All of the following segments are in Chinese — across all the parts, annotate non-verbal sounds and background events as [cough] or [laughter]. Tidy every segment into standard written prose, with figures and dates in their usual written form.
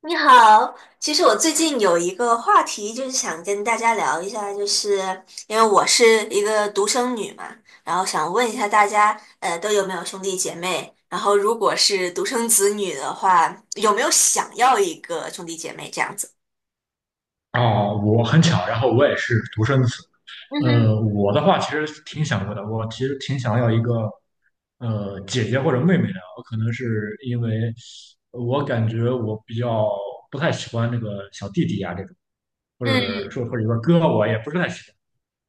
你好，其实我最近有一个话题，就是想跟大家聊一下，就是因为我是一个独生女嘛，然后想问一下大家，都有没有兄弟姐妹？然后如果是独生子女的话，有没有想要一个兄弟姐妹这样子？哦，我很巧，然后我也是独生子。嗯哼，我的话其实挺想过的，我其实挺想要一个姐姐或者妹妹的。我可能是因为我感觉我比较不太喜欢那个小弟弟呀、这种，或者嗯说或者说哥，我也不是太喜欢。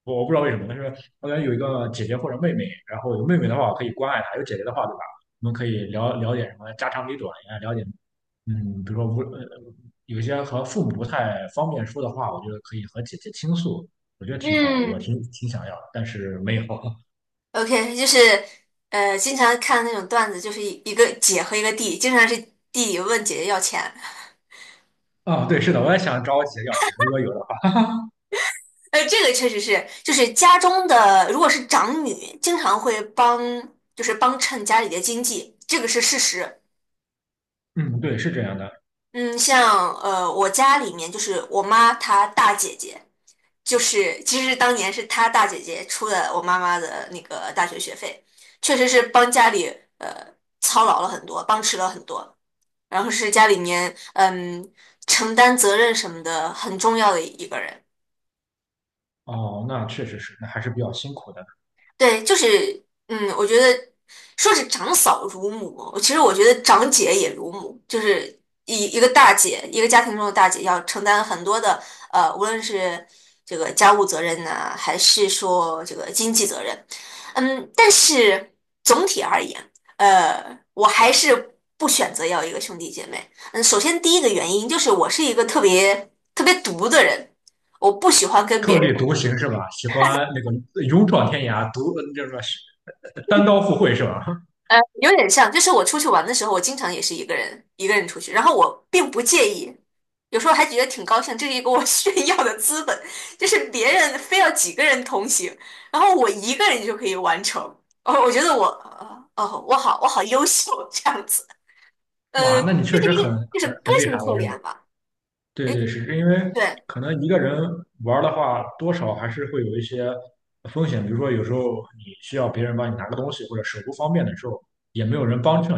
我不知道为什么，但是我感有一个姐姐或者妹妹，然后有妹妹的话，我可以关爱她；有姐姐的话，对吧？我们可以聊聊点什么家长里短呀，了解，嗯，比如说无呃，有一些和父母不太方便说的话，我觉得可以和姐姐倾诉，我觉得挺好的，我嗯挺挺想要的，但是没有。[laughs] ，OK，就是经常看那种段子，就是一个姐和一个弟，经常是弟弟问姐姐要钱。啊、对，是的，我也想找我姐要钱，如果有的话。[laughs] 这个确实是，就是家中的，如果是长女，经常会帮，就是帮衬家里的经济，这个是事实。嗯，对，是这样的。嗯，像我家里面就是我妈她大姐姐，就是其实当年是她大姐姐出了我妈妈的那个大学学费，确实是帮家里呃操劳了很多，帮持了很多，然后是家里面承担责任什么的很重要的一个人。哦，那确实是，那还是比较辛苦的。对，就是，我觉得说是长嫂如母，其实我觉得长姐也如母，就是一个大姐，一个家庭中的大姐要承担很多的，无论是这个家务责任呐、还是说这个经济责任。但是总体而言，我还是不选择要一个兄弟姐妹。嗯，首先第一个原因就是我是一个特别特别独的人，我不喜欢跟特别立人。独行是吧？喜欢那个勇闯天涯，独那什么单刀赴会是吧？有点像，就是我出去玩的时候，我经常也是一个人一个人出去，然后我并不介意，有时候还觉得挺高兴，这是一个我 [laughs] 炫耀的资本，就是别人非要几个人同行，然后我一个人就可以完成。哦，我觉得我，我好优秀这样子。哇，那你这确是实一个很就是很个很厉性害，特我认点为。吧。对哎，对，是因为对，可能一个人玩儿的话，多少还是会有一些风险，比如说有时候你需要别人帮你拿个东西，或者手不方便的时候，也没有人帮衬。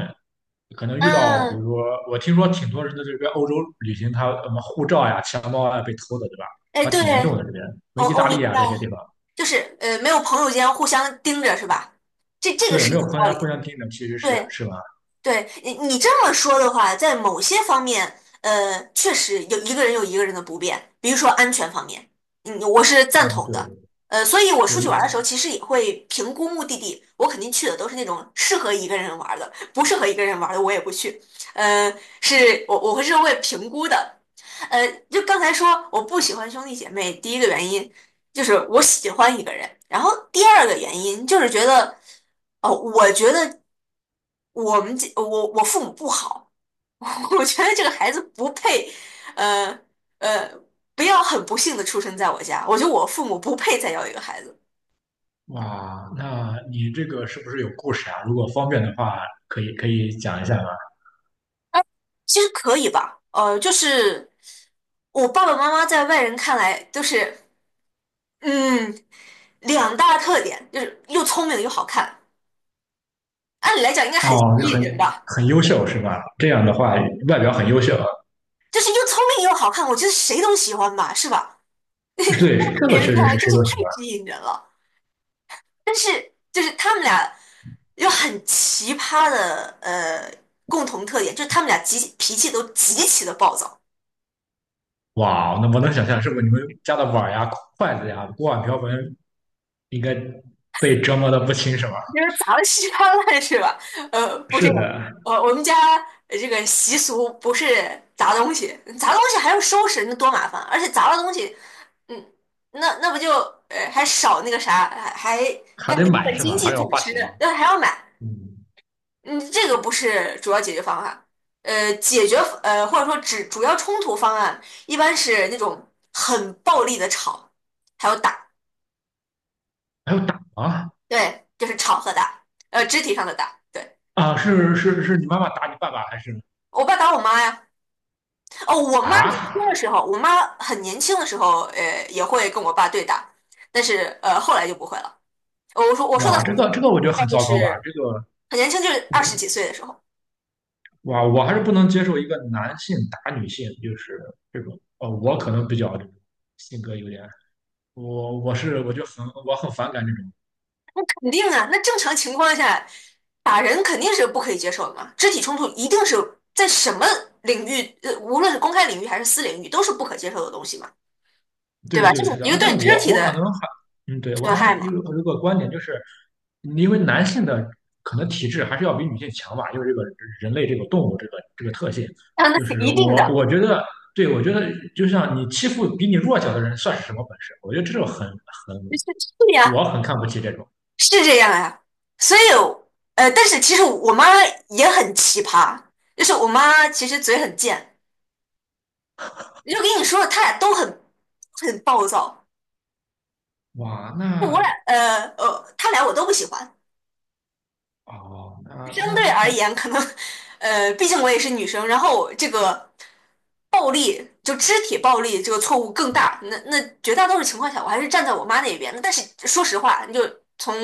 可能遇到，比如嗯，说我听说挺多人在这边欧洲旅行，他什么护照呀、钱包啊被偷的，对吧？哎，啊，挺严对，重的这边，什么意我大明利啊白，这些地方。就是没有朋友间互相盯着是吧？这个对，是没有有朋道友理互的。相盯着，其实是对。是吧？对，你这么说的话，在某些方面，确实有一个人有一个人的不便，比如说安全方面，我是赞嗯，同的。对所以我出去玩的对。时候，其实也会评估目的地，我肯定去的都是那种适合一个人玩的，不适合一个人玩的我也不去。呃，是我会会评估的。就刚才说我不喜欢兄弟姐妹，第一个原因，就是我喜欢一个人。然后第二个原因就是觉得，哦，我觉得我们这我父母不好。[laughs] 我觉得这个孩子不配，呃呃，不要很不幸的出生在我家，我觉得我父母不配再要一个孩子。哇，那你这个是不是有故事啊？如果方便的话，可以讲一下吗？其实可以吧，就是我爸爸妈妈在外人看来都是，嗯，两大特点就是又聪明又好看，按理来讲应该哦，很吸就引人很吧。很优秀是吧？这样的话，外表很优秀，啊。就是又聪明又好看，我觉得谁都喜欢吧，是吧？聪对，这明个人确看实来是真谁是都喜太欢。吸引人了。但是就是他们俩有很奇葩的共同特点，就是他们俩脾气都极其的暴躁。哇哦，那我能想象，是不是你们家的碗呀、筷子呀、锅碗瓢盆应该被折磨的不轻是吧？就是砸了稀巴烂是吧？不是是这样。的。我们家这个习俗不是砸东西，砸东西还要收拾，那多麻烦，而且砸了东西。嗯，那不就还少那个啥，还还有得一部买分是经吧？还济要损花失，钱。那还要买。嗯。嗯，这个不是主要解决方案。解决或者说只主要冲突方案，一般是那种很暴力的吵，还有打。还要打吗？对，就是吵和打，肢体上的打。对，啊！是你妈妈打你爸爸还是我爸打我妈呀。哦，我妈年轻啊？的时候，我妈很年轻的时候，也会跟我爸对打，但是后来就不会了。我说的哇，很这年个这个我轻，觉得大概很就糟糕吧？是这个很年轻，就是二十几岁的时候。哇，我还是不能接受一个男性打女性，就是这种。我可能比较这种性格有点，我我是我就很我很反感这种。肯定啊，那正常情况下，打人肯定是不可以接受的嘛，肢体冲突一定是在什么领域，无论是公开领域还是私领域，都是不可接受的东西嘛，对对吧？这对，是是的，一个而且对肢我体我可能的还，嗯，对，我损好害像有嘛。有个观点，就是因为男性的可能体质还是要比女性强吧，因为这个人类这个动物这个特性，啊，那就是是一定的。我觉得，对我觉得就像你欺负比你弱小的人算是什么本事？我觉得这种很，是是呀。我很看不起这种。是这样呀。所以，但是其实我妈也很奇葩，就是我妈其实嘴很贱，就跟你说，她俩都很暴躁。哇，那他俩我都不喜欢。哦，那相那，对而言，可能，毕竟我也是女生，然后这个暴力，就肢体暴力这个错误更大。那绝大多数情况下，我还是站在我妈那边的。但是说实话，你就从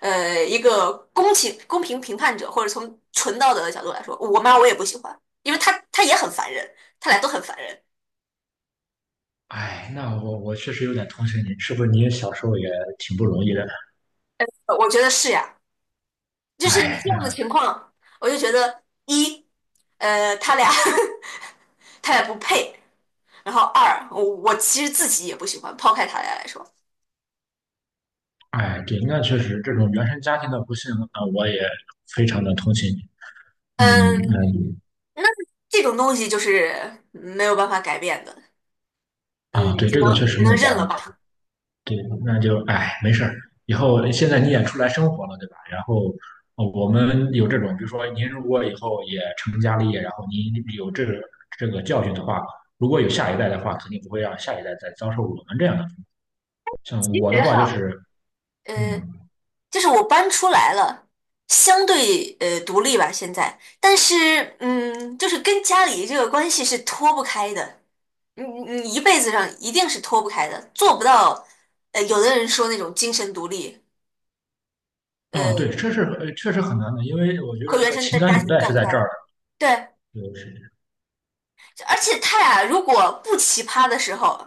一个公平评判者，或者从纯道德的角度来说，我妈我也不喜欢，因为她也很烦人，她俩都很烦人。哎，那我确实有点同情你，是不是你小时候也挺不容易的？我觉得是呀，就是哎，这那样的情况，我就觉得一，他俩 [laughs] 他俩不配。然后二，我其实自己也不喜欢，抛开他俩来说。哎，对，那确实这种原生家庭的不幸那我也非常的同情你。嗯嗯，嗯。那这种东西就是没有办法改变的。嗯，啊，对，这个确实只没能有办认法了改变。吧。对，那就哎，没事儿，以后现在你也出来生活了，对吧？然后我们有这种，比如说您如果以后也成家立业，然后您有这个教训的话，如果有下一代的话，肯定不会让下一代再遭受我们这样的。像其我的实话就哈，是，呃，嗯。就是我搬出来了，相对独立吧，现在。但是就是跟家里这个关系是脱不开的，你一辈子上一定是脱不开的，做不到。有的人说那种精神独立，呃，啊，对，这是确实很难的，因为我觉和得这原个生情的感家纽庭带是断在这开。儿对。的，就是而且他俩如果不奇葩的时候，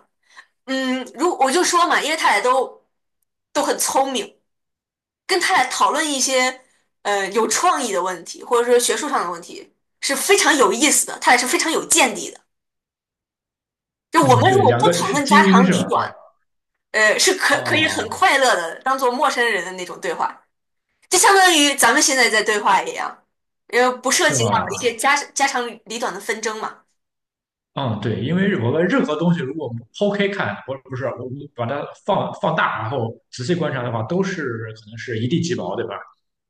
如我就说嘛，因为他俩都很聪明，跟他俩讨论一些有创意的问题，或者说学术上的问题是非常有意思的，他俩是非常有见地的。就我嗯。们如对，果两不个讨是论精家英长是吧？里短，是啊可以很啊，快乐的当做陌生人的那种对话，就相当于咱们现在在对话一样，因为不涉是及到一些吧？家长里短的纷争嘛。嗯，对，因为我们任何东西，如果我们剖开看，不是我们把它放大，然后仔细观察的话，都是可能是一地鸡毛，对吧？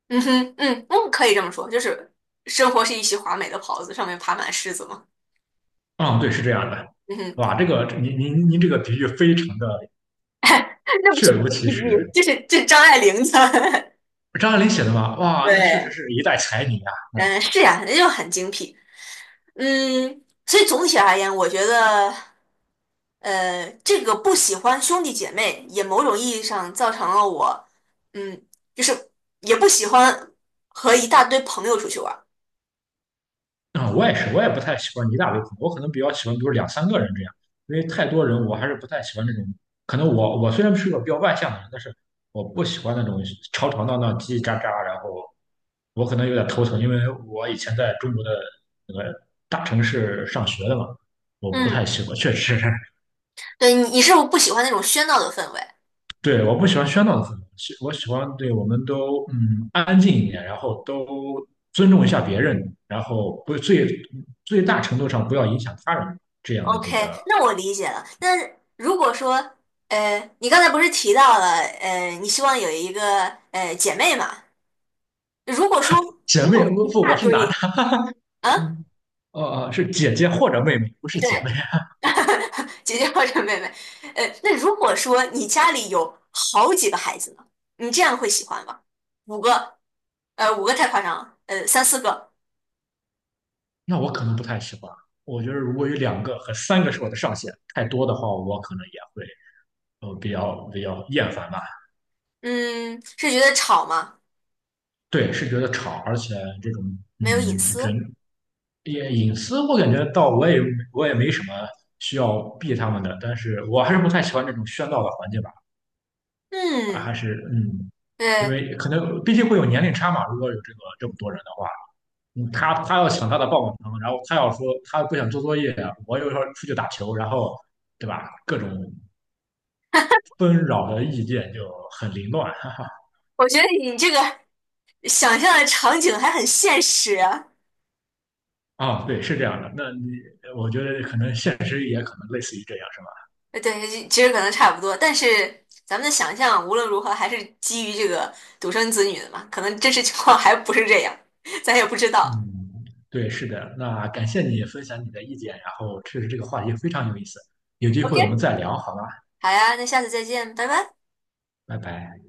嗯哼，嗯嗯，可以这么说，就是生活是一袭华美的袍子，上面爬满虱子嘛。嗯，对，是这样的。嗯哼，哇，这个您这个比喻非常的 [laughs] 那不确是如我的其比实。喻，这是张爱玲的。张爱玲写的嘛，[laughs] 哇，那确实对，是一代才女啊。嗯，是呀，那就很精辟。所以总体而言，我觉得，这个不喜欢兄弟姐妹，也某种意义上造成了我，嗯，就是也不喜欢和一大堆朋友出去玩儿。啊、我也是，我也不太喜欢一大堆朋友，我可能比较喜欢，比如两三个人这样，因为太多人，我还是不太喜欢那种。可能我虽然是个比较外向的人，但是我不喜欢那种吵吵闹闹、叽叽喳喳，然后我可能有点头疼，因为我以前在中国的那个大城市上学的嘛，我不嗯，太喜欢，确实。[laughs] 对，你是不是不喜欢那种喧闹的氛围？对，我不喜欢喧闹的氛围，我喜欢对我们都嗯安静一点，然后都尊重一下别人，然后不最最大程度上不要影响他人这样子的。 OK,那我理解了。那如果说，你刚才不是提到了，你希望有一个姐妹嘛？如果说你姐妹，有不一不，我大是男的，堆，啊，嗯，是姐姐或者妹妹，不是姐妹。对，[laughs] 姐姐或者妹妹。那如果说你家里有好几个孩子呢，你这样会喜欢吗？五个，五个太夸张了，三四个？那我可能不太喜欢。我觉得如果有两个和三个是我的上限，太多的话，我可能也会比较厌烦吧。嗯，是觉得吵吗？对，是觉得吵，而且这种嗯没有隐私？人也隐私，我感觉倒我也没什么需要避他们的，但是我还是不太喜欢这种喧闹的环境吧，啊还嗯，是嗯。因对，为可能毕竟会有年龄差嘛，如果有这个这么多人的话，嗯他他要抢他的棒棒糖，然后他要说他不想做作业啊，我有时候出去打球，然后对吧，各种纷扰的意见就很凌乱，[laughs] 哈哈，我觉得你这个想象的场景还很现实啊。啊，对，是这样的，那你我觉得可能现实也可能类似于这样。是吧？对，其实可能差不多，但是咱们的想象无论如何还是基于这个独生子女的嘛，可能真实情况还不是这样，咱也不知道。嗯，对，是的。那感谢你分享你的意见，然后确实这个话题非常有意思，有机 OK,会我们再聊，好吗？好呀，那下次再见，拜拜。拜拜。